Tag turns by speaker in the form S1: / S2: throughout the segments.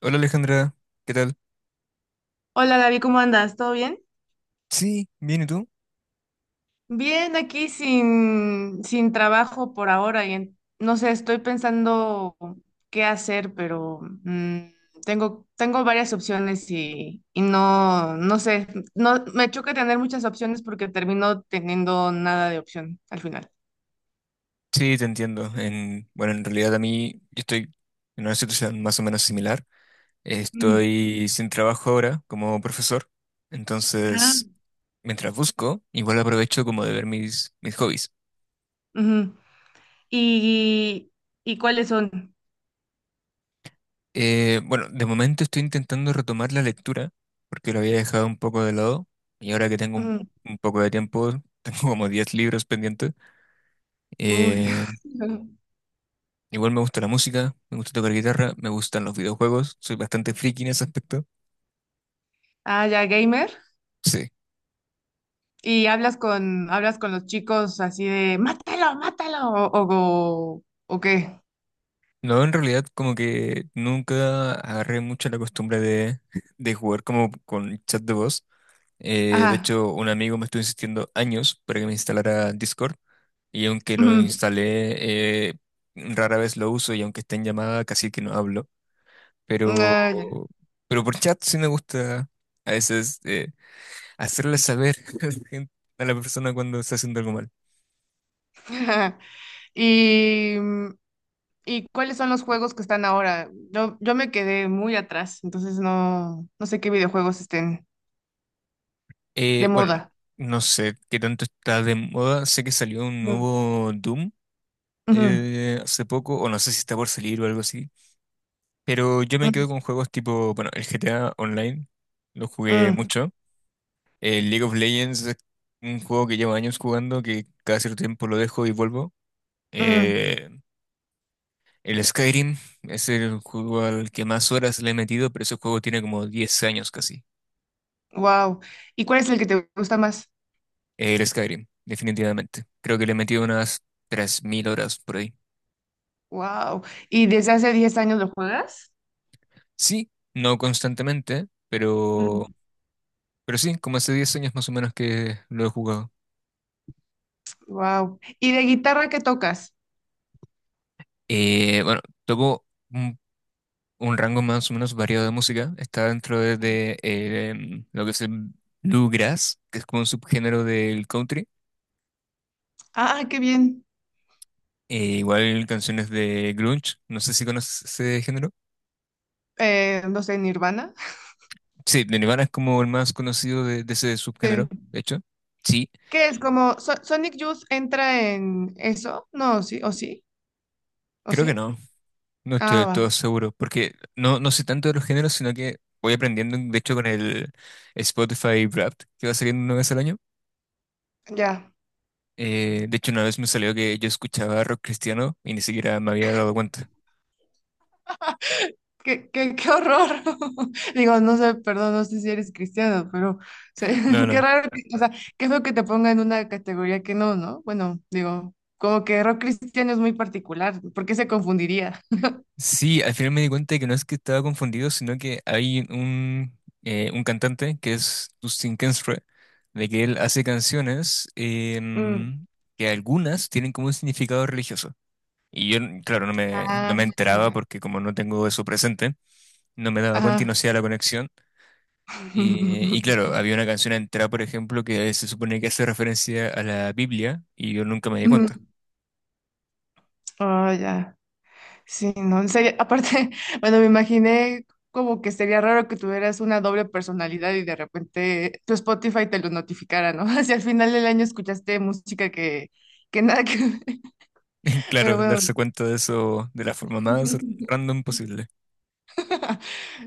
S1: Hola Alejandra, ¿qué tal?
S2: Hola Gaby, ¿cómo andas? ¿Todo bien?
S1: Sí, bien, ¿y tú?
S2: Bien, aquí sin trabajo por ahora no sé, estoy pensando qué hacer, pero tengo varias opciones y no sé, no, me choca tener muchas opciones porque termino teniendo nada de opción al final.
S1: Sí, te entiendo. En, bueno, en realidad a mí yo estoy en una situación más o menos similar.
S2: Mm,
S1: Estoy sin trabajo ahora como profesor, entonces
S2: ah,
S1: mientras busco, igual aprovecho como de ver mis hobbies.
S2: ujú. ¿Y, y cuáles son?
S1: Bueno, de momento estoy intentando retomar la lectura porque lo había dejado un poco de lado y ahora que tengo
S2: Mm,
S1: un poco de tiempo, tengo como 10 libros pendientes.
S2: uy.
S1: eh, Igual me gusta la música, me gusta tocar guitarra, me gustan los videojuegos, soy bastante friki en ese aspecto.
S2: Ah, ya, gamer.
S1: Sí.
S2: Y hablas con los chicos así de, mátalo, mátalo, o qué.
S1: No, en realidad como que nunca agarré mucho la costumbre de jugar como con chat de voz. De
S2: Ajá.
S1: hecho, un amigo me estuvo insistiendo años para que me instalara Discord y aunque lo
S2: Ujú,
S1: instalé, rara vez lo uso y aunque esté en llamada casi que no hablo. Pero,
S2: ah, ya.
S1: pero por chat sí me gusta a veces hacerle saber a la persona cuando está haciendo algo mal.
S2: Y, ¿Y cuáles son los juegos que están ahora? Yo me quedé muy atrás, entonces no sé qué videojuegos estén de
S1: Bueno,
S2: moda.
S1: no sé qué tanto está de moda. Sé que salió un
S2: Mm,
S1: nuevo Doom
S2: ujú,
S1: hace poco, o no sé si está por salir o algo así. Pero yo me quedo con
S2: mm,
S1: juegos tipo, bueno, el GTA Online, lo jugué
S2: mm,
S1: mucho. El League of Legends es un juego que llevo años jugando, que cada cierto tiempo lo dejo y vuelvo.
S2: mm.
S1: Eh, el Skyrim es el juego al que más horas le he metido, pero ese juego tiene como 10 años casi.
S2: Wow. ¿Y cuál es el que te gusta más?
S1: El Skyrim, definitivamente. Creo que le he metido unas 3.000 horas por ahí.
S2: Wow. ¿Y desde hace 10 años lo juegas?
S1: Sí, no constantemente, pero sí, como hace 10 años más o menos que lo he jugado.
S2: Wow. ¿Y de guitarra qué tocas?
S1: Bueno, toco un, un rango más o menos variado de música. Está dentro de lo que es el bluegrass, que es como un subgénero del country.
S2: Ah, qué bien.
S1: Igual canciones de grunge, no sé si conoces ese género.
S2: No sé, Nirvana.
S1: Sí, de Nirvana es como el más conocido de ese
S2: Sí.
S1: subgénero, de hecho. Sí,
S2: ¿Qué es? Como Sonic Youth entra en eso. No, sí, o sí, o
S1: creo que
S2: sí.
S1: no. No estoy
S2: Ah,
S1: del
S2: va,
S1: todo seguro, porque no sé tanto de los géneros, sino que voy aprendiendo, de hecho, con el Spotify Wrapped, que va saliendo una vez al año.
S2: ya.
S1: De hecho, una vez me salió que yo escuchaba rock cristiano y ni siquiera me había dado cuenta.
S2: Qué horror. Digo, no sé, perdón, no sé si eres cristiano, pero o sea,
S1: No,
S2: qué
S1: no.
S2: raro, o sea, qué feo que te ponga en una categoría que no, ¿no? Bueno, digo, como que rock cristiano es muy particular, ¿por qué se confundiría?
S1: Sí, al final me di cuenta de que no es que estaba confundido, sino que hay un cantante que es Dustin Kensrue, de que él hace canciones
S2: Mm.
S1: que algunas tienen como un significado religioso. Y yo, claro, no
S2: Ah,
S1: me enteraba porque como no tengo eso presente. No me daba cuenta y
S2: ajá.
S1: no hacía la conexión. Y claro, había una canción entera, por ejemplo, que se supone que hace referencia a la Biblia y yo nunca me di cuenta.
S2: Mm. Oh, ya. Sí, no, sería, aparte, bueno, me imaginé como que sería raro que tuvieras una doble personalidad y de repente tu Spotify te lo notificara, ¿no? Si al final del año escuchaste música que nada que ver, pero
S1: Claro,
S2: bueno.
S1: darse cuenta de eso de la forma más random posible.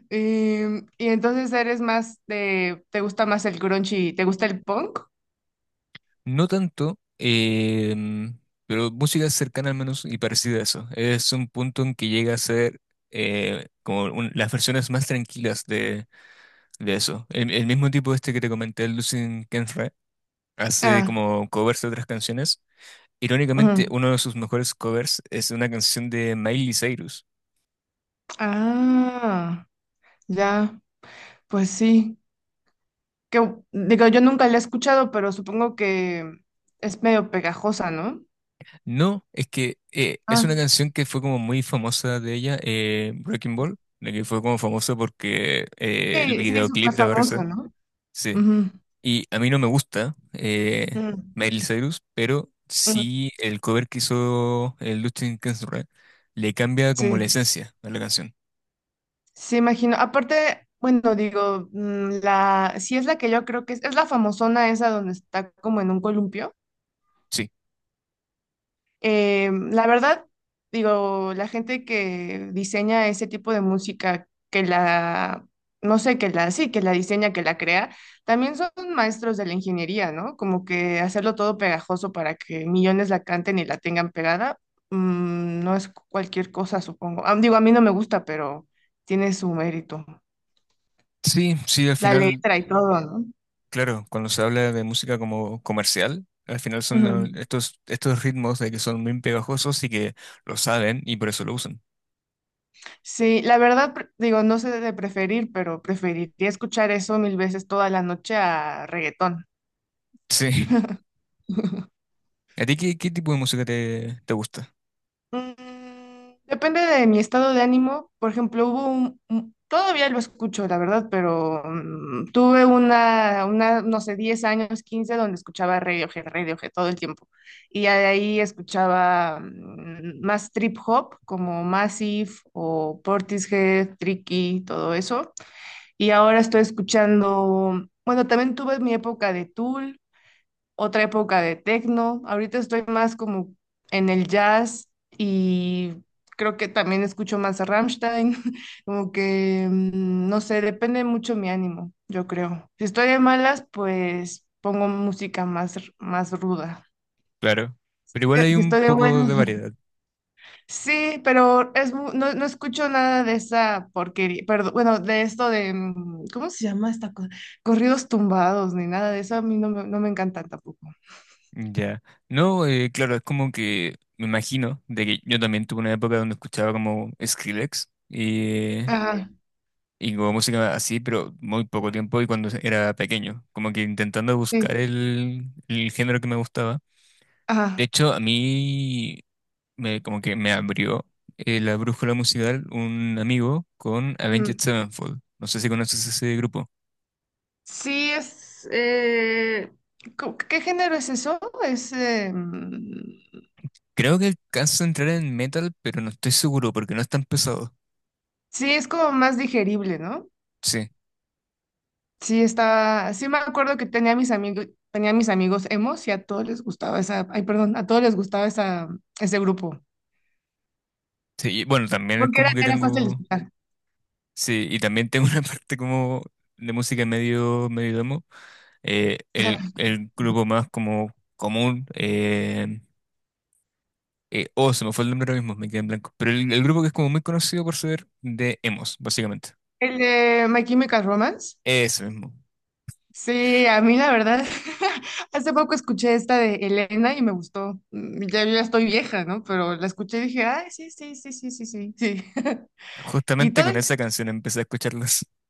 S2: Y, y entonces eres más de, ¿te gusta más el grunge y te gusta el punk?
S1: No tanto, pero música cercana al menos y parecida a eso. Es un punto en que llega a ser como un- las versiones más tranquilas de eso. El mismo tipo este que te comenté, Lucien Kenfra, hace
S2: Ah,
S1: como covers de otras canciones. Irónicamente,
S2: ujú.
S1: uno de sus mejores covers es una canción de Miley Cyrus.
S2: Ah, ya, pues sí. Que, digo, yo nunca la he escuchado, pero supongo que es medio pegajosa, ¿no?
S1: No, es que es una canción que fue como muy famosa de ella, Breaking Ball, de que fue como famosa porque el
S2: Sí, sí,
S1: videoclip
S2: súper
S1: de Barça,
S2: famosa, ¿no?
S1: sí.
S2: Ujú.
S1: Y a mí no me gusta
S2: Mm,
S1: Miley Cyrus, pero
S2: mm,
S1: sí el cover que hizo el Justin Quincemara le cambia como la
S2: sí,
S1: esencia a la canción.
S2: sí, imagino. Aparte, bueno, digo, sí es la que yo creo que es la famosona esa donde está como en un columpio.
S1: Sí,
S2: La verdad, digo, la gente que diseña ese tipo de música, que la, no sé, que la, sí, que la diseña, que la crea, también son maestros de la ingeniería, ¿no? Como que hacerlo todo pegajoso para que millones la canten y la tengan pegada, no es cualquier cosa, supongo. Ah, digo, a mí no me gusta, pero tiene su mérito.
S1: sí, al
S2: La
S1: final
S2: letra y todo, no.
S1: claro, cuando se habla de música como comercial, al final son lo-
S2: Ujú.
S1: estos ritmos de que son muy pegajosos y que lo saben y por eso lo usan.
S2: Sí, la verdad, digo, no sé de preferir, pero preferiría escuchar eso mil veces toda la noche a reggaetón.
S1: Sí. ¿A ti qué tipo de música te gusta?
S2: Mm, depende de mi estado de ánimo. Por ejemplo, todavía lo escucho, la verdad, pero tuve una, no sé, 10 años, 15 donde escuchaba Radiohead, Radiohead todo el tiempo. Y ya de ahí escuchaba más trip hop, como Massive o Portishead, Tricky, todo eso. Y ahora estoy escuchando, bueno, también tuve mi época de Tool, otra época de techno. Ahorita estoy más como en el jazz y creo que también escucho más a Rammstein. Como que, no sé, depende mucho mi ánimo, yo creo. Si estoy de malas, pues pongo música más, más ruda.
S1: Claro. Pero igual hay
S2: Si
S1: un
S2: estoy de
S1: poco de
S2: buenas,
S1: variedad.
S2: sí, pero no, escucho nada de esa porquería, perdón, bueno, de esto de, ¿cómo se llama esta cosa? Corridos tumbados, ni nada de eso, a mí no me encantan tampoco.
S1: Ya. No, claro, es como que me imagino de que yo también tuve una época donde escuchaba como Skrillex
S2: Ajá,
S1: y como música así, pero muy poco tiempo y cuando era pequeño, como que intentando buscar
S2: sí,
S1: el género que me gustaba. De
S2: ajá.
S1: hecho, a mí me, como que me abrió la brújula musical un amigo con Avenged
S2: Mm.
S1: Sevenfold. No sé si conoces ese grupo.
S2: Sí, ¿qué género es eso?
S1: Creo que alcanza a entrar en metal, pero no estoy seguro porque no es tan pesado.
S2: Sí, es como más digerible, ¿no?
S1: Sí,
S2: Sí, está, sí me acuerdo que tenía mis amigos emos y a todos les gustaba esa, ay, perdón, a todos les gustaba esa, ese grupo.
S1: sí. Y bueno, también es
S2: Porque era,
S1: como que
S2: era fácil de
S1: tengo...
S2: escuchar.
S1: Sí, y también tengo una parte como de música medio emo.
S2: Ajá.
S1: El grupo más como común... oh, se me fue el nombre ahora mismo, me quedé en blanco. Pero el grupo que es como muy conocido por ser de emos, básicamente.
S2: El de My Chemical Romance.
S1: Eso mismo.
S2: Sí, a mí la verdad, hace poco escuché esta de Elena y me gustó. Ya yo ya estoy vieja, ¿no? Pero la escuché y dije, ay, sí, sí, sí, sí, sí, sí, sí. Y
S1: Justamente
S2: todo,
S1: con esa canción empecé a escucharlas.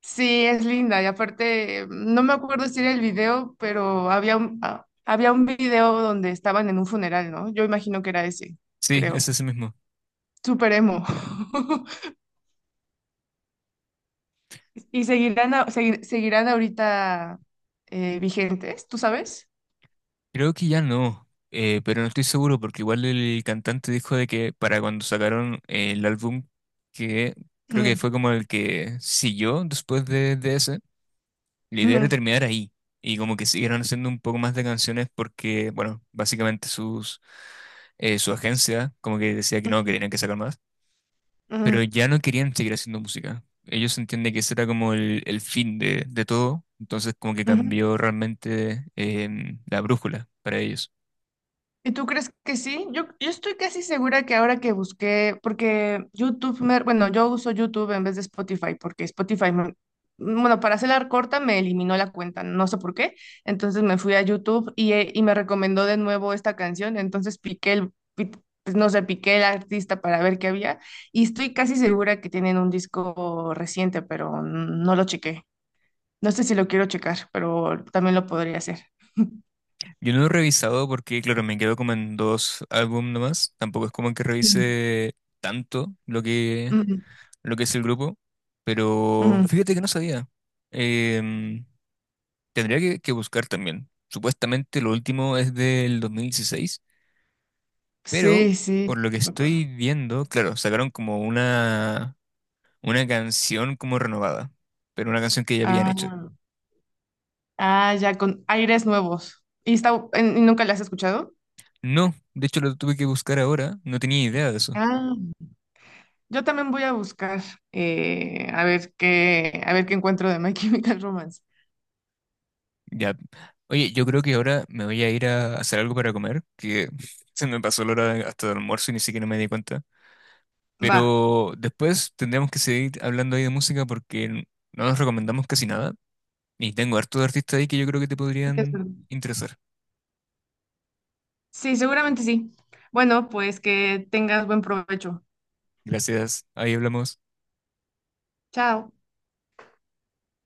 S2: sí, es linda. Y aparte, no me acuerdo si era el video, pero había un video donde estaban en un funeral, ¿no? Yo imagino que era ese,
S1: Sí, es
S2: creo.
S1: ese mismo.
S2: Súper emo. ¿Y seguirán, seguirán ahorita vigentes? ¿Tú sabes?
S1: Creo que ya no, pero no estoy seguro porque igual el cantante dijo de que para cuando sacaron el álbum que creo que
S2: Mm,
S1: fue como el que siguió después de ese, la idea era
S2: ujú,
S1: terminar ahí. Y como que siguieron haciendo un poco más de canciones porque, bueno, básicamente su agencia como que decía que no, que tenían que sacar más.
S2: ujú,
S1: Pero ya no querían seguir haciendo música. Ellos entienden que ese era como el fin de todo, entonces como que
S2: ujú.
S1: cambió realmente la brújula para ellos.
S2: ¿Y tú crees que sí? Yo estoy casi segura que ahora que busqué, porque YouTube, bueno, yo uso YouTube en vez de Spotify, porque Spotify, bueno, para hacer la corta me eliminó la cuenta, no sé por qué. Entonces me fui a YouTube y me recomendó de nuevo esta canción. Entonces pues, no sé, piqué el artista para ver qué había. Y estoy casi segura que tienen un disco reciente, pero no lo chequé. No sé si lo quiero checar, pero también lo podría hacer.
S1: Yo no lo he revisado porque, claro, me quedo como en dos álbumes nomás, tampoco es como que revise tanto
S2: Ujú,
S1: lo que es el grupo, pero
S2: ujú.
S1: fíjate que no sabía. Em, tendría que buscar también. Supuestamente lo último es del 2016, pero...
S2: Sí, sí,
S1: Por lo que
S2: me acuerdo.
S1: estoy viendo, claro, sacaron como una canción como renovada, pero una canción que ya habían hecho.
S2: Ah, ah, ya, con aires nuevos. ¿Y nunca la has escuchado?
S1: No, de hecho lo tuve que buscar ahora, no tenía idea de eso.
S2: Ah, yo también voy a buscar a ver qué encuentro de My Chemical Romance.
S1: Ya. Oye, yo creo que ahora me voy a ir a hacer algo para comer, que se me pasó la hora de- hasta el almuerzo y ni siquiera me di cuenta.
S2: Va.
S1: Pero después tendremos que seguir hablando ahí de música porque n- no nos recomendamos casi nada. Y tengo harto de artistas ahí que yo creo que te
S2: Sí, es
S1: podrían
S2: verdad.
S1: interesar.
S2: Sí, seguramente sí. Bueno, pues que tengas buen provecho.
S1: Gracias, ahí hablamos.
S2: Chao.